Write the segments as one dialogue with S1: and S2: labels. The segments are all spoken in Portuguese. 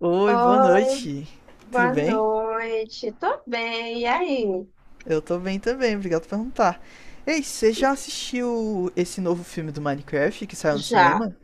S1: Oi, boa
S2: Oi,
S1: noite. Tudo
S2: boa
S1: bem?
S2: noite. Tô bem, e aí?
S1: Eu tô bem também, obrigado por perguntar. Ei, você já
S2: E-
S1: assistiu esse novo filme do Minecraft que saiu no
S2: Já,
S1: cinema?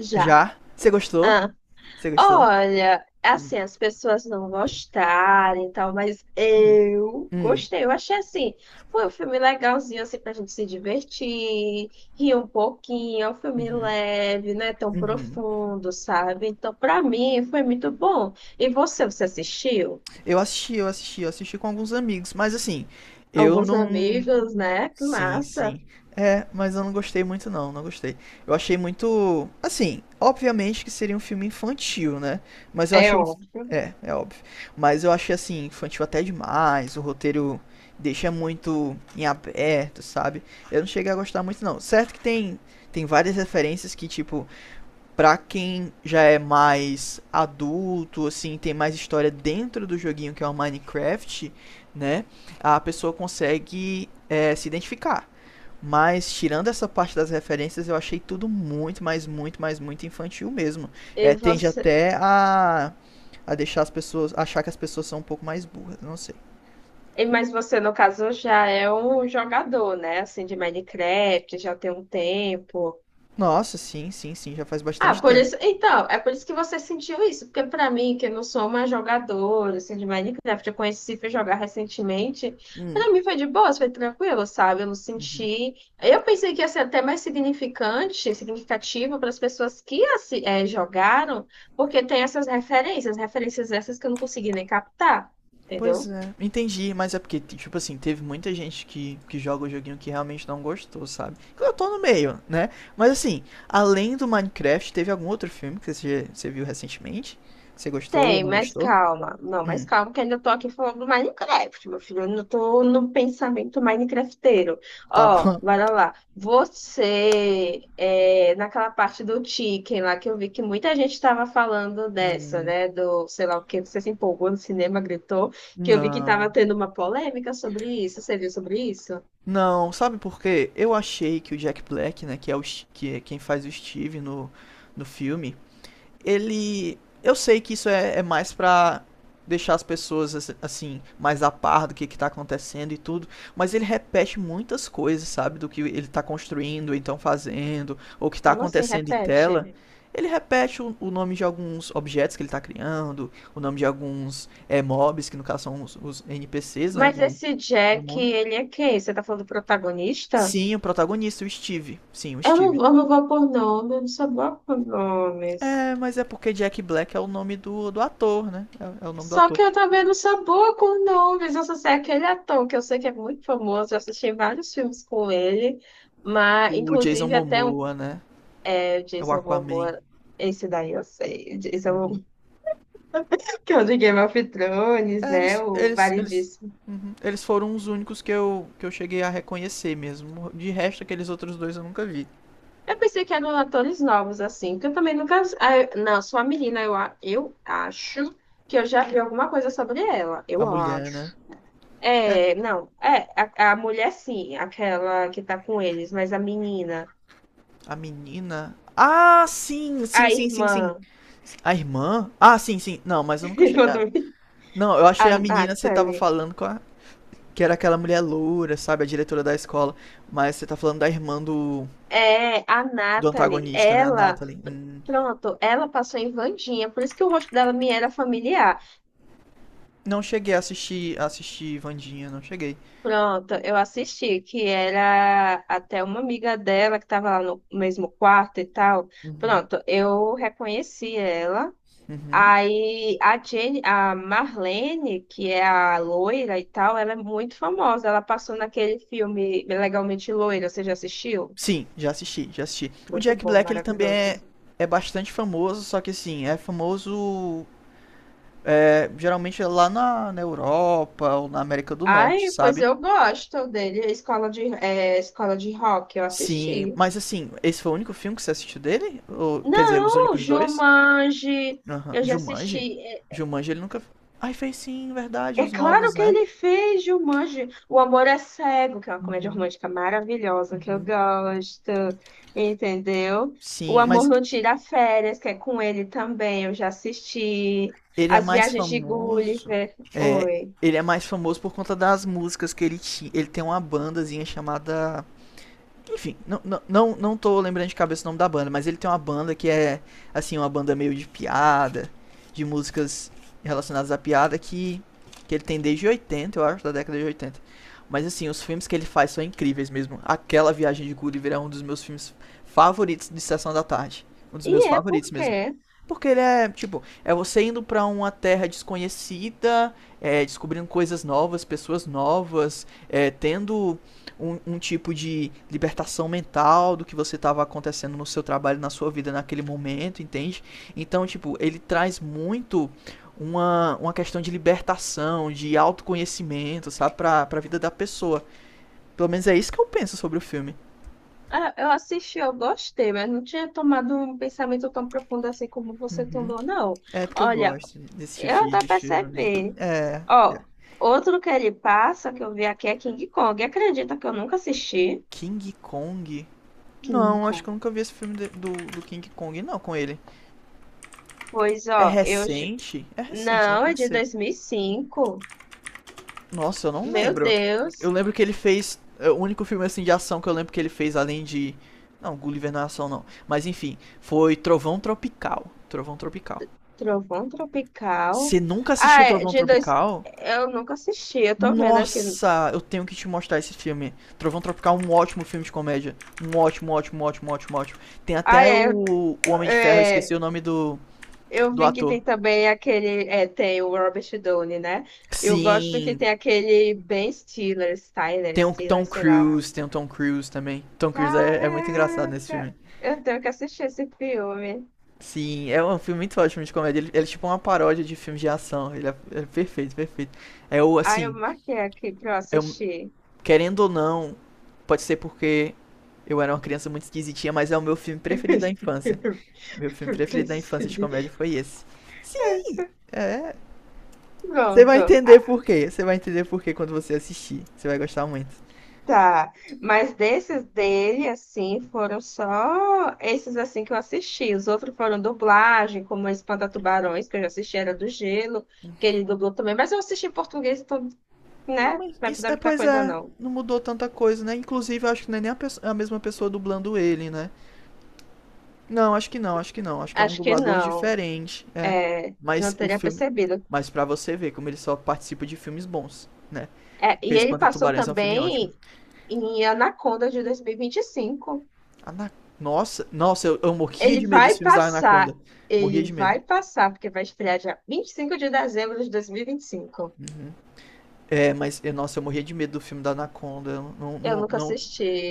S2: já.
S1: Já? Você gostou?
S2: Ah,
S1: Você gostou?
S2: Olha, assim, as pessoas não gostarem e tal, mas eu
S1: Hum,
S2: gostei. Eu achei assim, foi um filme legalzinho, assim, pra gente se divertir, rir um pouquinho. É um filme leve, não é tão
S1: uhum.
S2: profundo, sabe? Então, pra mim, foi muito bom. E você, você assistiu?
S1: Eu assisti, eu assisti, eu assisti com alguns amigos, mas assim, eu
S2: Alguns
S1: não.
S2: amigos, né? Que
S1: Sim,
S2: massa.
S1: sim. É, mas eu não gostei muito não, não gostei. Eu achei muito, assim, obviamente que seria um filme infantil, né? Mas eu
S2: É
S1: achei,
S2: óbvio.
S1: é óbvio. Mas eu achei assim infantil até demais, o roteiro deixa muito em aberto, sabe? Eu não cheguei a gostar muito não. Certo que tem várias referências que tipo, pra quem já é mais adulto, assim, tem mais história dentro do joguinho que é o Minecraft, né? A pessoa consegue se identificar. Mas tirando essa parte das referências, eu achei tudo muito, mas muito, mas muito infantil mesmo.
S2: E
S1: É, tende
S2: você
S1: até a deixar as pessoas, achar que as pessoas são um pouco mais burras, não sei.
S2: Mas você, no caso, já é um jogador, né? Assim, de Minecraft, já tem um tempo.
S1: Nossa, sim, sim, sim, já faz
S2: Ah,
S1: bastante
S2: por
S1: tempo.
S2: isso. Então, é por isso que você sentiu isso. Porque, pra mim, que eu não sou uma jogadora, assim, de Minecraft, eu conheci, fui jogar recentemente. Pra mim foi de boa, foi tranquilo, sabe? Eu não senti. Eu pensei que ia ser até mais significante, significativo para as pessoas que jogaram, porque tem essas referências, referências essas que eu não consegui nem captar,
S1: Pois
S2: entendeu?
S1: é, entendi, mas é porque, tipo assim, teve muita gente que joga o joguinho que realmente não gostou, sabe? Eu tô no meio, né? Mas assim, além do Minecraft, teve algum outro filme que você viu recentemente? Você gostou ou
S2: Tem,
S1: não
S2: mas
S1: gostou?
S2: calma. Não,
S1: Hum,
S2: mas calma, que ainda tô aqui falando do Minecraft, meu filho. Eu não tô no pensamento Minecrafteiro.
S1: tá
S2: Ó,
S1: bom.
S2: bora lá. Naquela parte do Chicken lá, que eu vi que muita gente tava falando dessa,
S1: Hum.
S2: né? Do, sei lá o que, você se empolgou no cinema, gritou, que eu vi que
S1: Não.
S2: tava tendo uma polêmica sobre isso. Você viu sobre isso?
S1: Não, sabe por quê? Eu achei que o Jack Black, né, que é, que é quem faz o Steve no filme, ele. Eu sei que isso é mais pra deixar as pessoas assim, mais a par do que tá acontecendo e tudo, mas ele repete muitas coisas, sabe, do que ele tá construindo, ou então fazendo, ou que tá
S2: Como assim?
S1: acontecendo em tela.
S2: Repete.
S1: Ele repete o nome de alguns objetos que ele tá criando, o nome de alguns mobs, que no caso são os NPCs, né,
S2: Mas
S1: do,
S2: esse
S1: do
S2: Jack,
S1: mundo.
S2: ele é quem? Você tá falando do protagonista?
S1: Sim, o protagonista, o Steve. Sim, o
S2: Eu
S1: Steve.
S2: não, eu não vou por nome, eu não sou boa por nomes.
S1: É, mas é porque Jack Black é o nome do ator, né? É o nome do
S2: Só
S1: ator.
S2: que eu também não sou boa com nomes. Eu só sei aquele ator que eu sei que é muito famoso. Eu assisti vários filmes com ele, mas
S1: O Jason
S2: inclusive até um
S1: Momoa, né?
S2: é, o
S1: É o
S2: Jason
S1: Aquaman.
S2: Momoa. Esse daí eu sei. O Jason
S1: Uhum.
S2: Momoa, que é o de Game of Thrones,
S1: É,
S2: né?
S1: eles,
S2: O
S1: eles, eles,
S2: variedíssimo.
S1: uhum, eles foram os únicos que eu cheguei a reconhecer mesmo. De resto, aqueles outros dois eu nunca vi.
S2: Eu pensei que eram atores novos, assim, porque eu também nunca. Ah, eu- Não, sou uma menina, eu acho que eu já vi alguma coisa sobre ela.
S1: A
S2: Eu
S1: mulher, né?
S2: acho.
S1: É,
S2: É, não, é, A, a mulher sim, aquela que tá com eles, mas a menina,
S1: a menina. Ah, sim, sim,
S2: a
S1: sim, sim, sim.
S2: irmã,
S1: A irmã? Ah, sim, sim. Não, mas eu nunca
S2: irmã
S1: cheguei a...
S2: do-
S1: Não, eu achei
S2: a
S1: a menina, você tava
S2: Natalie,
S1: falando com a... Que era aquela mulher loura, sabe? A diretora da escola. Mas você tá falando da irmã do,
S2: a
S1: do
S2: Natalie,
S1: antagonista, né? A Natalie. Hum.
S2: pronto, ela passou em Vandinha, por isso que o rosto dela me era familiar.
S1: Não cheguei a assistir Vandinha, não cheguei.
S2: Pronto, eu assisti, que era até uma amiga dela que tava lá no mesmo quarto e tal.
S1: Uhum,
S2: Pronto, eu reconheci ela.
S1: uhum.
S2: Aí a Jenny, a Marlene, que é a loira e tal, ela é muito famosa. Ela passou naquele filme Legalmente Loira, você já assistiu?
S1: Sim, já assisti, já assisti. O
S2: Muito
S1: Jack
S2: bom,
S1: Black, ele também é,
S2: maravilhoso.
S1: é bastante famoso, só que assim, é famoso geralmente é lá na Europa ou na América do Norte,
S2: Ai, pois
S1: sabe?
S2: eu gosto dele. Escola de, é, Escola de Rock, eu
S1: Sim,
S2: assisti.
S1: mas assim, esse foi o único filme que você assistiu dele? Ou, quer dizer, os
S2: Não,
S1: únicos dois?
S2: Jumanji,
S1: Aham.
S2: eu já assisti.
S1: Jumanji? Jumanji ele nunca. Ai, fez sim, verdade,
S2: É
S1: os
S2: claro
S1: novos,
S2: que
S1: né?
S2: ele fez, Jumanji. O Amor é Cego, que é uma comédia
S1: Uhum.
S2: romântica maravilhosa que eu gosto, entendeu? O
S1: Sim,
S2: Amor
S1: mas
S2: Não Tira Férias, que é com ele também, eu já assisti.
S1: ele é
S2: As
S1: mais
S2: Viagens de
S1: famoso.
S2: Gulliver.
S1: É,
S2: Oi.
S1: ele é mais famoso por conta das músicas que ele tinha. Ele tem uma bandazinha chamada. Enfim, não, não, não, não tô lembrando de cabeça o nome da banda, mas ele tem uma banda que é, assim, uma banda meio de piada, de músicas relacionadas à piada que ele tem desde 80 eu acho, da década de oitenta. Mas, assim, os filmes que ele faz são incríveis mesmo. Aquela Viagem de Gulliver é um dos meus filmes favoritos de Sessão da Tarde. Um dos meus
S2: E é
S1: favoritos
S2: porque
S1: mesmo. Porque ele é, tipo, é você indo pra uma terra desconhecida, é, descobrindo coisas novas, pessoas novas, é, tendo um, um tipo de libertação mental do que você estava acontecendo no seu trabalho, na sua vida naquele momento, entende? Então, tipo, ele traz muito uma questão de libertação, de autoconhecimento, sabe? Pra, pra vida da pessoa. Pelo menos é isso que eu penso sobre o filme.
S2: Ah, eu assisti, eu gostei, mas não tinha tomado um pensamento tão profundo assim como você
S1: Uhum.
S2: tomou, não.
S1: É porque eu
S2: Olha,
S1: gosto desse tipo
S2: eu
S1: de-
S2: tô
S1: de filme.
S2: percebendo.
S1: É.
S2: Ó, outro que ele passa que eu vi aqui é King Kong. Acredita que eu nunca assisti?
S1: King Kong?
S2: King
S1: Não, acho
S2: Kong.
S1: que eu nunca vi esse filme de- do, do King Kong, não, com ele.
S2: Pois,
S1: É
S2: ó, eu... j-
S1: recente? É recente, né?
S2: Não,
S1: Tem
S2: é
S1: que
S2: de
S1: ser.
S2: 2005.
S1: Nossa, eu não
S2: Meu
S1: lembro. Eu
S2: Deus.
S1: lembro que ele fez. O único filme assim de ação que eu lembro que ele fez, além de. Não, Gulliver não é ação não. Mas enfim, foi Trovão Tropical. Trovão Tropical.
S2: Trovão
S1: Você
S2: Tropical.
S1: nunca assistiu
S2: Ah, é
S1: Trovão
S2: de dois...
S1: Tropical?
S2: Eu nunca assisti, eu tô vendo aqui.
S1: Nossa, eu tenho que te mostrar esse filme. Trovão Tropical é um ótimo filme de comédia. Um ótimo, ótimo, ótimo, ótimo, ótimo. Tem
S2: Ah,
S1: até
S2: é...
S1: o Homem de Ferro, eu
S2: é,
S1: esqueci o nome do,
S2: Eu
S1: do
S2: vi que
S1: ator.
S2: tem também aquele... É, tem o Robert Downey, né? Eu gosto que
S1: Sim,
S2: tem aquele Ben Stiller, Styler,
S1: tem o
S2: Stiller,
S1: Tom
S2: sei lá.
S1: Cruise, tem o Tom Cruise também. Tom Cruise é muito engraçado nesse
S2: Caraca!
S1: filme.
S2: Eu tenho que assistir esse filme.
S1: Sim, é um filme muito ótimo de comédia. Ele é tipo uma paródia de filmes de ação. Ele é perfeito, perfeito. É o,
S2: Aí eu
S1: assim,
S2: marquei aqui pra eu
S1: é um-
S2: assistir.
S1: querendo ou não, pode ser porque eu era uma criança muito esquisitinha, mas é o meu filme preferido da infância. Meu filme
S2: Eu
S1: preferido da infância de
S2: esqueci.
S1: comédia foi esse. Sim, é. Você vai
S2: Pronto.
S1: entender
S2: Ah,
S1: por quê. Você vai entender por quê quando você assistir. Você vai gostar muito.
S2: tá. Mas desses dele, assim, foram só esses assim que eu assisti. Os outros foram dublagem, como Espanta-Tubarões, que eu já assisti, era do Gelo, que ele dublou também. Mas eu assisti em português, então,
S1: Não,
S2: né?
S1: mas
S2: Não
S1: isso,
S2: dá
S1: é,
S2: muita
S1: pois
S2: coisa,
S1: é,
S2: não.
S1: não mudou tanta coisa, né? Inclusive, eu acho que não é nem a mesma pessoa dublando ele, né? Não, acho que não, acho que não. Acho que é um
S2: Acho que
S1: dublador
S2: não.
S1: diferente, é.
S2: É, senão
S1: Mas
S2: eu
S1: o
S2: teria
S1: filme.
S2: percebido.
S1: Mas pra você ver como ele só participa de filmes bons, né?
S2: É,
S1: Porque
S2: e ele
S1: Espanta
S2: passou
S1: Tubarões é um filme ótimo.
S2: também em Anaconda de 2025.
S1: Ana... Nossa, nossa, eu morria
S2: Ele
S1: de medo dos
S2: vai
S1: filmes da
S2: passar,
S1: Anaconda. Morria
S2: ele
S1: de medo.
S2: vai passar, porque vai estrear dia 25 de dezembro de 2025.
S1: É, mas, eu- nossa, eu morria de medo do filme da Anaconda. Eu não,
S2: Eu
S1: não,
S2: nunca
S1: não,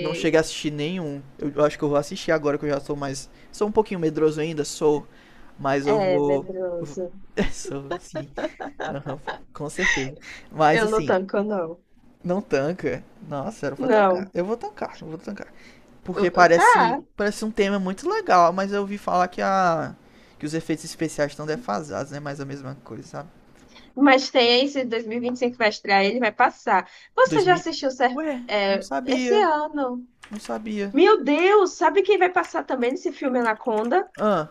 S1: não cheguei a assistir nenhum. Eu acho que eu vou assistir agora que eu já sou mais. Sou um pouquinho medroso ainda, sou. Mas eu
S2: É,
S1: vou. eu vou-
S2: medroso.
S1: sou, sim. Aham, com certeza. Mas
S2: Eu não
S1: assim,
S2: tanco, não.
S1: não tanca. Nossa, era pra tancar.
S2: Não.
S1: Eu vou tancar, eu vou tancar. Porque parece,
S2: Tá.
S1: parece um tema muito legal, mas eu ouvi falar que os efeitos especiais estão defasados, né? Mais a mesma coisa, sabe?
S2: Mas tem esse 2025 que vai estrear, ele vai passar. Você já
S1: 2000.
S2: assistiu cer-
S1: Ué, não
S2: é, esse
S1: sabia.
S2: ano?
S1: Não sabia.
S2: Meu Deus, sabe quem vai passar também nesse filme Anaconda?
S1: Ah,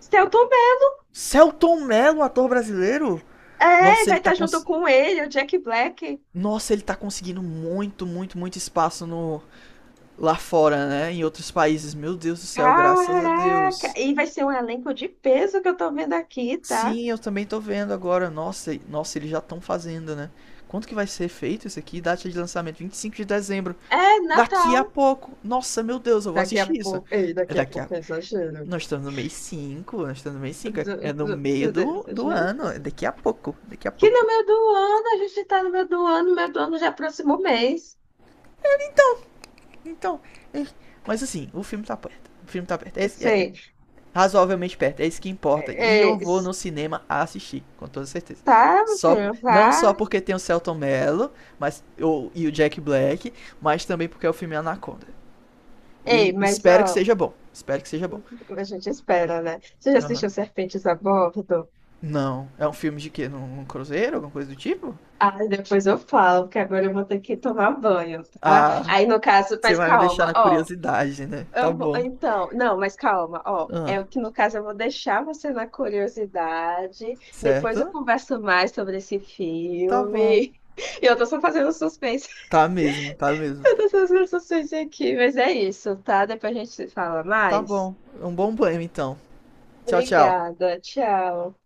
S2: Selton Mello.
S1: Celton Mello, ator brasileiro?
S2: É,
S1: Nossa,
S2: vai estar junto com ele, o Jack Black.
S1: Nossa, ele tá conseguindo muito, muito, muito espaço no lá fora, né? Em outros países. Meu Deus do céu, graças a
S2: Caraca!
S1: Deus.
S2: E vai ser um elenco de peso que eu tô vendo aqui, tá?
S1: Sim, eu também tô vendo agora. Nossa, nossa, eles já estão fazendo, né? Quanto que vai ser feito isso aqui? Data de lançamento 25 de dezembro.
S2: É
S1: Daqui
S2: Natal.
S1: a pouco. Nossa, meu Deus, eu vou
S2: Daqui a
S1: assistir isso.
S2: pouco. Ei,
S1: É
S2: daqui a
S1: daqui a
S2: pouco é exagero.
S1: Nós estamos no mês cinco, nós estamos no mês cinco, é é no meio
S2: Se der
S1: do
S2: exagero.
S1: ano, é daqui a pouco, daqui a
S2: Que no
S1: pouco.
S2: meio do ano, a gente tá no meio do ano, no meio do ano já é próximo mês.
S1: Então, é- mas assim, o filme tá perto. O filme tá perto. É,
S2: Sei.
S1: razoavelmente perto. É isso que importa.
S2: É,
S1: E eu
S2: é,
S1: vou
S2: s-
S1: no cinema assistir, com toda certeza.
S2: tá, meu
S1: Só,
S2: filho,
S1: não
S2: vá.
S1: só porque tem o Celton Mello, mas, o, e o Jack Black, mas também porque é o filme Anaconda.
S2: Ei,
S1: E
S2: mas
S1: espero que
S2: ó,
S1: seja bom. Espero que seja bom.
S2: a gente espera, né? Você já
S1: Aham.
S2: assistiu Serpentes a Bordo?
S1: Não. É um filme de quê? Num, num cruzeiro? Alguma coisa do tipo?
S2: Ah, depois eu falo, porque agora eu vou ter que tomar banho, tá?
S1: Ah,
S2: Aí, no caso,
S1: você
S2: mas
S1: vai me deixar
S2: calma,
S1: na
S2: ó.
S1: curiosidade, né? Tá bom.
S2: Não, mas calma, ó,
S1: Ah,
S2: é o que no caso eu vou deixar você na curiosidade, depois eu
S1: certo?
S2: converso mais sobre esse
S1: Tá bom.
S2: filme. Eu tô só fazendo suspense,
S1: Tá mesmo, tá mesmo.
S2: eu tô só fazendo suspense aqui, mas é isso, tá? Depois a gente se fala
S1: Tá
S2: mais.
S1: bom. Um bom banho, então. Tchau, tchau.
S2: Obrigada, tchau.